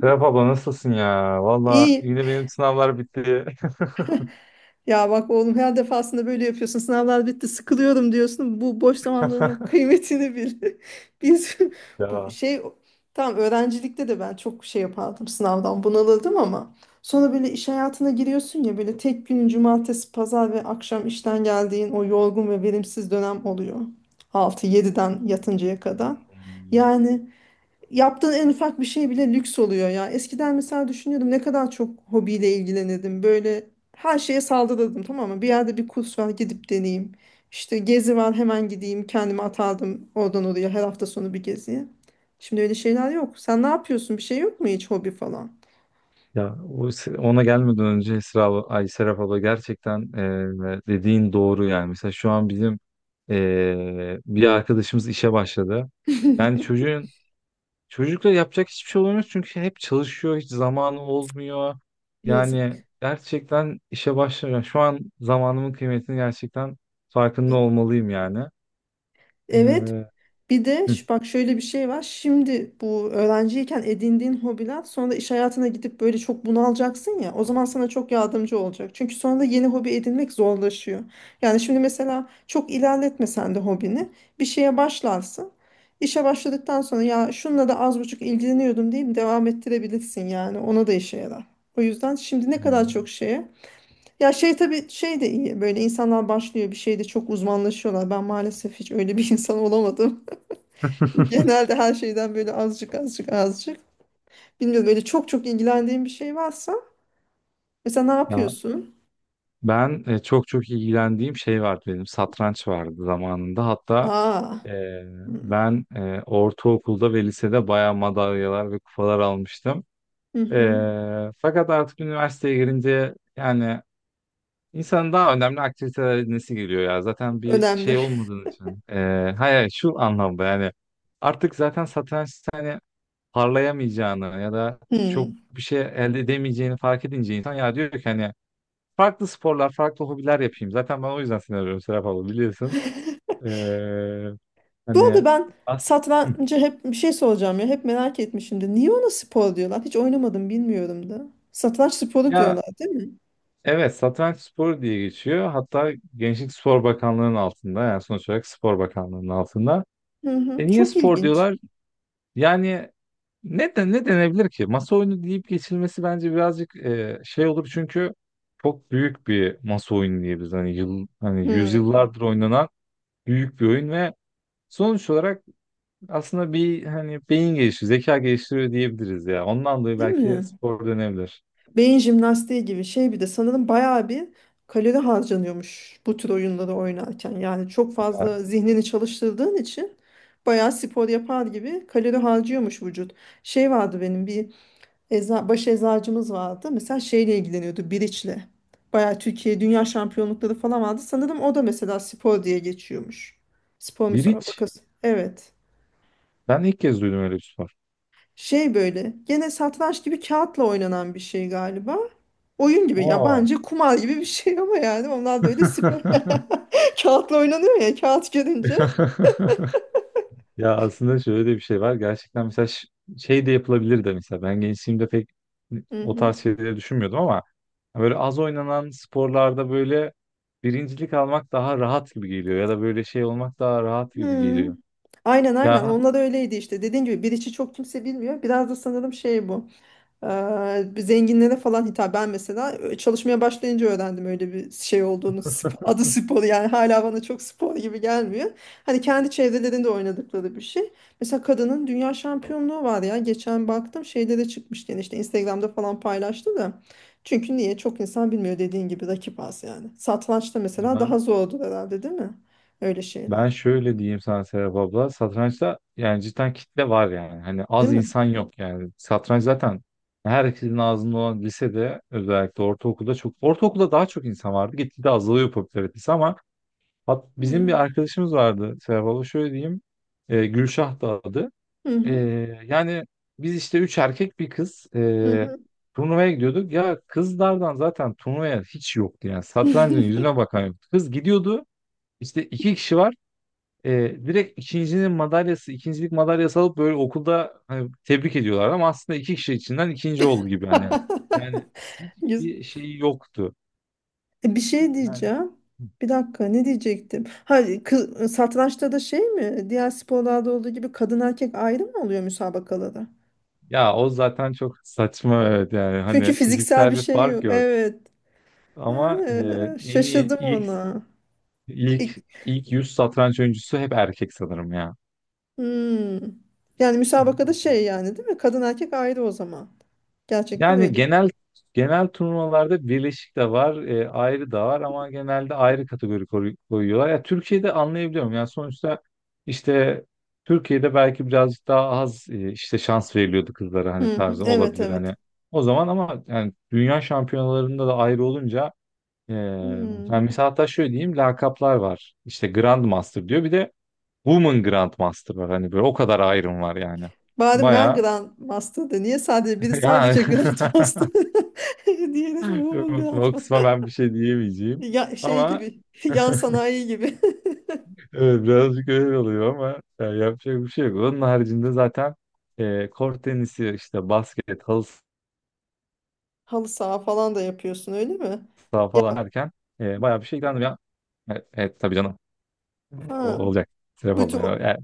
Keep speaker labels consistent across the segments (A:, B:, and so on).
A: Serap abla nasılsın ya? Valla
B: İyi.
A: yine benim sınavlar bitti.
B: Ya bak oğlum her defasında böyle yapıyorsun. Sınavlar bitti, sıkılıyorum diyorsun. Bu boş zamanlarının kıymetini bil. Biz bu
A: Ya.
B: şey tam öğrencilikte de ben çok şey yapardım sınavdan bunalırdım ama sonra böyle iş hayatına giriyorsun ya böyle tek günün cumartesi, pazar ve akşam işten geldiğin o yorgun ve verimsiz dönem oluyor. Altı yediden yatıncaya kadar.
A: hmm,
B: Yani yaptığın en ufak bir şey bile lüks oluyor ya. Eskiden mesela düşünüyordum ne kadar çok hobiyle ilgilenirdim. Böyle her şeye saldırırdım, tamam mı? Bir yerde bir kurs var, gidip deneyeyim. İşte gezi var, hemen gideyim, kendimi atardım oradan oraya, her hafta sonu bir geziye. Şimdi öyle şeyler yok. Sen ne yapıyorsun? Bir şey yok mu hiç, hobi falan?
A: Ya ona gelmeden önce Esra abla, ay Serap abla gerçekten dediğin doğru yani. Mesela şu an bizim bir arkadaşımız işe başladı. Yani çocuğun Çocukla yapacak hiçbir şey olmuyor çünkü hep çalışıyor, hiç zamanı olmuyor. Yani
B: Yazık.
A: gerçekten işe başlıyor. Şu an zamanımın kıymetini gerçekten farkında olmalıyım yani.
B: Evet.
A: E,
B: Bir de
A: hı.
B: bak, şöyle bir şey var. Şimdi bu öğrenciyken edindiğin hobiler, sonra iş hayatına gidip böyle çok bunalacaksın ya. O zaman sana çok yardımcı olacak. Çünkü sonra yeni hobi edinmek zorlaşıyor. Yani şimdi mesela çok ilerletmesen de hobini, bir şeye başlarsın. İşe başladıktan sonra ya şunla da az buçuk ilgileniyordum deyip devam ettirebilirsin yani. Ona da işe yarar. O yüzden şimdi ne kadar çok
A: Hmm.
B: şeye. Ya şey, tabii şey de iyi. Böyle insanlar başlıyor bir şeyde çok uzmanlaşıyorlar. Ben maalesef hiç öyle bir insan olamadım. Genelde her şeyden böyle azıcık, azıcık, azıcık. Bilmiyorum, böyle çok çok ilgilendiğin bir şey varsa mesela ne
A: Ya
B: yapıyorsun?
A: ben çok çok ilgilendiğim şey vardı benim satranç vardı zamanında hatta
B: Aa.
A: e,
B: Hı
A: ben ortaokulda ve lisede bayağı madalyalar ve kupalar almıştım.
B: hı.
A: E,
B: Hı.
A: Fakat artık üniversiteye girince yani insanın daha önemli aktiviteler edinmesi geliyor ya zaten bir
B: Önemli.
A: şey olmadığı için. Hayır şu anlamda yani artık zaten satrançta hani parlayamayacağını ya da çok
B: Hı.
A: bir şey elde edemeyeceğini fark edince insan ya diyor ki hani farklı sporlar, farklı hobiler yapayım. Zaten ben o yüzden seni arıyorum Serap abla biliyorsun. Ee,
B: Bu
A: hani
B: arada ben
A: as Hı.
B: satrancı hep bir şey soracağım ya, hep merak etmişimdir. Niye ona spor diyorlar? Hiç oynamadım, bilmiyorum da. Satranç sporu
A: Ya
B: diyorlar değil mi?
A: evet satranç sporu diye geçiyor. Hatta Gençlik Spor Bakanlığı'nın altında yani sonuç olarak Spor Bakanlığı'nın altında.
B: Hı hı.
A: E niye
B: Çok
A: spor
B: ilginç.
A: diyorlar? Yani ne de ne denebilir ki? Masa oyunu deyip geçilmesi bence birazcık şey olur çünkü çok büyük bir masa oyunu diyebiliriz. Hani yıl hani
B: Hı.
A: yüzyıllardır oynanan büyük bir oyun ve sonuç olarak aslında bir hani beyin geliştiriyor, zeka geliştiriyor diyebiliriz ya. Ondan dolayı
B: Değil
A: belki
B: mi?
A: spor dönebilir.
B: Beyin jimnastiği gibi şey, bir de sanırım bayağı bir kalori harcanıyormuş bu tür oyunları oynarken. Yani çok fazla
A: Ya,
B: zihnini çalıştırdığın için bayağı spor yapar gibi kalori harcıyormuş vücut. Şey vardı benim bir baş eczacımız vardı. Mesela şeyle ilgileniyordu, biriçle. Bayağı Türkiye dünya şampiyonlukları falan vardı. Sanırım o da mesela spor diye geçiyormuş. Spor
A: biriç.
B: müsabakası. Evet.
A: Ben ilk kez duydum öyle bir spor.
B: Şey, böyle gene satranç gibi kağıtla oynanan bir şey galiba. Oyun gibi ya,
A: Aa.
B: bence kumar gibi bir şey ama yani onlar böyle spor kağıtla oynanıyor ya, kağıt görünce.
A: Ya aslında şöyle de bir şey var. Gerçekten mesela şey de yapılabilir de mesela. Ben gençliğimde pek
B: Hı
A: o
B: hı.
A: tarz şeyleri düşünmüyordum ama böyle az oynanan sporlarda böyle birincilik almak daha rahat gibi geliyor ya da böyle şey olmak daha rahat gibi
B: Hmm.
A: geliyor.
B: Aynen,
A: Ya
B: onlar öyleydi işte, dediğin gibi bir içi çok kimse bilmiyor. Biraz da sanırım şey, bu bir zenginlere falan hitap. Ben mesela çalışmaya başlayınca öğrendim öyle bir şey olduğunu. Adı spor yani, hala bana çok spor gibi gelmiyor. Hani kendi çevrelerinde oynadıkları bir şey. Mesela kadının dünya şampiyonluğu var ya. Geçen baktım, şeyde de çıkmış yani, işte Instagram'da falan paylaştı da. Çünkü niye? Çok insan bilmiyor, dediğin gibi rakip az yani. Satrançta mesela daha
A: ben
B: zordur herhalde değil mi? Öyle şeyler.
A: Ben şöyle diyeyim sana Serap abla. Satrançta yani cidden kitle var yani. Hani
B: Değil
A: az
B: mi?
A: insan yok yani. Satranç zaten herkesin ağzında olan lisede özellikle ortaokulda çok. Ortaokulda daha çok insan vardı. Gitgide azalıyor popülaritesi ama bizim bir
B: Hmm.
A: arkadaşımız vardı Serap abla. Şöyle diyeyim. Gülşah da adı.
B: Hı
A: E,
B: hı.
A: Yani biz işte üç erkek bir kız
B: Hı hı.
A: turnuvaya gidiyorduk. Ya kızlardan zaten turnuvaya hiç yoktu yani. Satrancın yüzüne bakan yoktu. Kız gidiyordu. İşte iki kişi var e, direkt ikincinin madalyası, ikincilik madalyası alıp böyle okulda hani, tebrik ediyorlar ama aslında iki kişi içinden ikinci oldu gibi hani. Yani
B: Güzel.
A: hiçbir şey yoktu.
B: Bir şey
A: Yani,
B: diyeceğim. Bir dakika, ne diyecektim? Ha, satrançta da şey mi, diğer sporlarda olduğu gibi kadın erkek ayrı mı oluyor müsabakalarda?
A: ya o zaten çok saçma evet yani
B: Çünkü
A: hani
B: fiziksel
A: fiziksel
B: bir
A: bir
B: şey yok.
A: fark yok.
B: Evet. Ha,
A: Ama en iyi
B: şaşırdım
A: ilk
B: ona. İk-
A: ilk ilk 100 satranç oyuncusu hep erkek sanırım ya.
B: Hmm. Yani müsabakada şey yani, değil mi? Kadın erkek ayrı o zaman. Gerçekten
A: Yani
B: öyle.
A: genel turnuvalarda birleşik de var, ayrı da var ama genelde ayrı kategori koyuyorlar. Ya Türkiye'de anlayabiliyorum. Yani sonuçta işte Türkiye'de belki birazcık daha az işte şans veriliyordu kızlara hani
B: Hı hı,
A: tarzı
B: evet
A: olabilir
B: evet.
A: hani. O zaman ama yani dünya şampiyonalarında da ayrı olunca yani
B: Hmm.
A: mesela hatta şöyle diyeyim lakaplar var. İşte Grand Master diyor. Bir de Woman Grand Master var. Hani böyle o kadar ayrım var yani.
B: Bari ben
A: Bayağı
B: Grand Master'dı. Niye sadece biri
A: yani
B: sadece Grand Master? Diğeri Woman
A: Yok,
B: Grand.
A: o kısma ben bir şey diyemeyeceğim.
B: Ya şey
A: Ama
B: gibi, yan sanayi gibi.
A: evet birazcık öyle oluyor ama ya, yapacak bir şey yok. Onun haricinde zaten kort tenisi, işte basket, halı
B: Halı saha falan da yapıyorsun, öyle mi?
A: saha
B: Ya
A: falan derken bayağı bir şey ilgilendim ya. Evet, evet tabii canım.
B: ha,
A: Olacak. Sebep
B: bütün o-
A: olmuyor. Yani,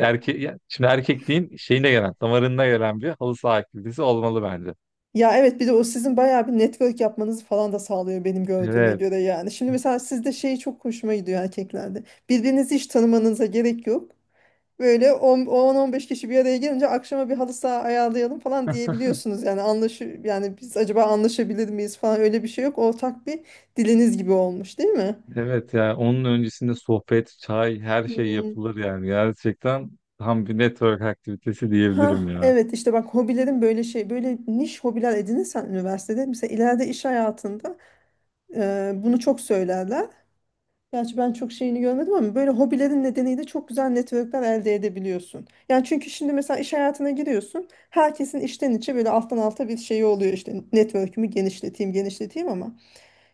B: o-
A: şimdi erkekliğin şeyine gelen, damarında gelen bir halı saha aktivitesi olmalı bence.
B: ya evet, bir de o sizin bayağı bir network yapmanızı falan da sağlıyor benim gördüğüme
A: Evet.
B: göre yani. Şimdi mesela sizde şey çok hoşuma gidiyor, erkeklerde. Birbirinizi hiç tanımanıza gerek yok. Böyle 10-15 kişi bir araya gelince akşama bir halı saha ayarlayalım falan diyebiliyorsunuz. Yani yani biz acaba anlaşabilir miyiz falan, öyle bir şey yok. Ortak bir diliniz gibi olmuş değil mi?
A: Evet ya onun öncesinde sohbet, çay her şey
B: Hmm.
A: yapılır yani. Gerçekten tam bir network aktivitesi
B: Ha
A: diyebilirim ya.
B: evet, işte bak, hobilerin böyle şey, böyle niş hobiler edinirsen üniversitede mesela, ileride iş hayatında bunu çok söylerler. Gerçi ben çok şeyini görmedim ama böyle hobilerin nedeniyle çok güzel networkler elde edebiliyorsun. Yani çünkü şimdi mesela iş hayatına giriyorsun, herkesin içten içe böyle alttan alta bir şeyi oluyor, işte network'ümü genişleteyim ama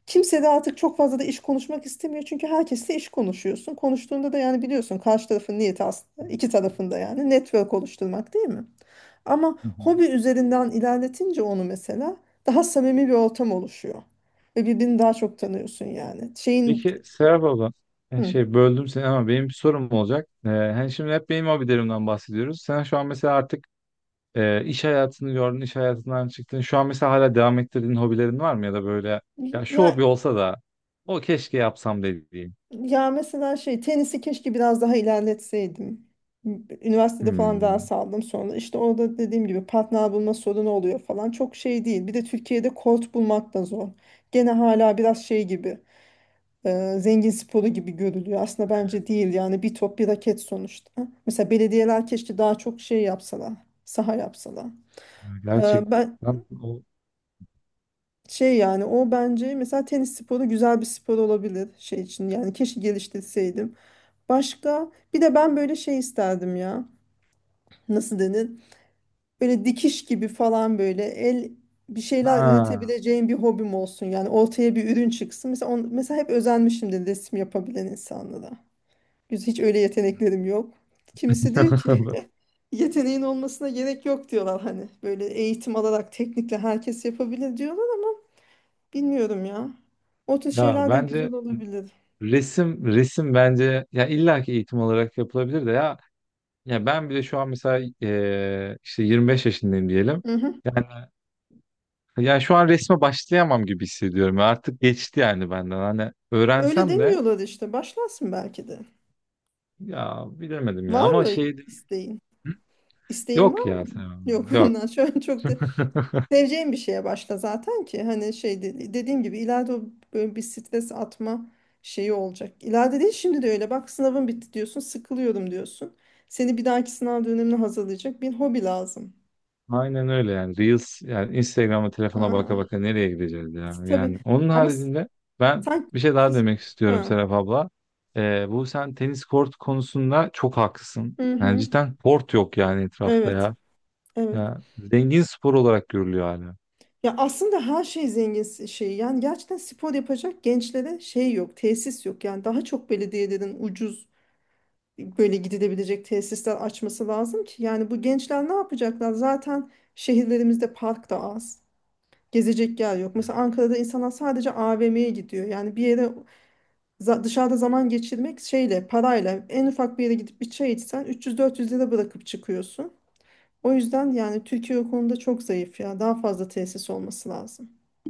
B: kimse de artık çok fazla da iş konuşmak istemiyor. Çünkü herkesle iş konuşuyorsun. Konuştuğunda da yani biliyorsun karşı tarafın niyeti aslında, iki tarafında yani network oluşturmak, değil mi? Ama
A: Hı hı.
B: hobi üzerinden ilerletince onu mesela, daha samimi bir ortam oluşuyor. Ve birbirini daha çok tanıyorsun yani. Şeyin
A: Peki Serap abla, yani
B: hı.
A: şey böldüm seni ama benim bir sorum olacak. Hani şimdi hep benim hobilerimden bahsediyoruz. Sen şu an mesela artık iş hayatını gördün, iş hayatından çıktın. Şu an mesela hala devam ettirdiğin hobilerin var mı ya da böyle ya şu
B: Ya,
A: hobi olsa da o keşke yapsam dediğin.
B: ya mesela şey, tenisi keşke biraz daha ilerletseydim. Üniversitede falan daha
A: Hmm,
B: saldım sonra. İşte orada dediğim gibi partner bulma sorunu oluyor falan. Çok şey değil. Bir de Türkiye'de kort bulmak da zor. Gene hala biraz şey gibi, zengin sporu gibi görülüyor. Aslında bence değil yani, bir top bir raket sonuçta. Mesela belediyeler keşke daha çok şey yapsalar. Saha yapsalar. Ben
A: gerçekten o.
B: şey yani, o bence mesela tenis sporu güzel bir spor olabilir şey için, yani keşke geliştirseydim. Başka bir de ben böyle şey isterdim ya, nasıl denir, böyle dikiş gibi falan, böyle el, bir şeyler
A: Ha.
B: üretebileceğim bir hobim olsun yani, ortaya bir ürün çıksın. Mesela, mesela hep özenmişimdir resim yapabilen insanlara. Hiç öyle yeteneklerim yok. Kimisi diyor ki yeteneğin olmasına gerek yok diyorlar, hani böyle eğitim alarak teknikle herkes yapabilir diyorlar. Bilmiyorum ya. O tür
A: Ya
B: şeyler de
A: bence
B: güzel olabilir.
A: resim bence ya illaki eğitim olarak yapılabilir de ya ya ben bile şu an mesela işte 25 yaşındayım diyelim.
B: Hı hı.
A: Yani ya şu an resme başlayamam gibi hissediyorum. Ya artık geçti yani benden. Hani
B: Öyle
A: öğrensem de
B: demiyorlar işte. Başlarsın belki de.
A: ya bilemedim ya
B: Var
A: ama
B: mı
A: şey.
B: isteğin?
A: Hı?
B: İsteğin
A: Yok
B: var mı?
A: ya tamam,
B: Yok
A: yok.
B: ondan. Şu an çok da seveceğin bir şeye başla zaten ki. Hani şey, dediğim gibi ileride o böyle bir stres atma şeyi olacak. İleride değil, şimdi de öyle. Bak, sınavın bitti diyorsun. Sıkılıyorum diyorsun. Seni bir dahaki sınav dönemine hazırlayacak bir hobi lazım.
A: Aynen öyle yani. Reels yani Instagram'a telefona baka
B: Aa,
A: baka nereye gideceğiz ya? Yani
B: tabii
A: onun
B: ama
A: haricinde ben
B: sanki...
A: bir şey daha demek istiyorum
B: Ha.
A: Serap abla. Bu sen tenis kort konusunda çok haklısın.
B: Hı
A: Yani
B: hı.
A: cidden kort yok yani etrafta
B: Evet.
A: ya.
B: Evet.
A: Ya zengin spor olarak görülüyor hala.
B: Ya aslında her şey zengin şey. Yani gerçekten spor yapacak gençlere şey yok, tesis yok. Yani daha çok belediyelerin ucuz böyle gidilebilecek tesisler açması lazım ki. Yani bu gençler ne yapacaklar? Zaten şehirlerimizde park da az. Gezecek yer yok. Mesela Ankara'da insanlar sadece AVM'ye gidiyor. Yani bir yere dışarıda zaman geçirmek şeyle, parayla, en ufak bir yere gidip bir çay içsen 300-400 lira bırakıp çıkıyorsun. O yüzden yani Türkiye o konuda çok zayıf ya. Daha fazla tesis olması lazım.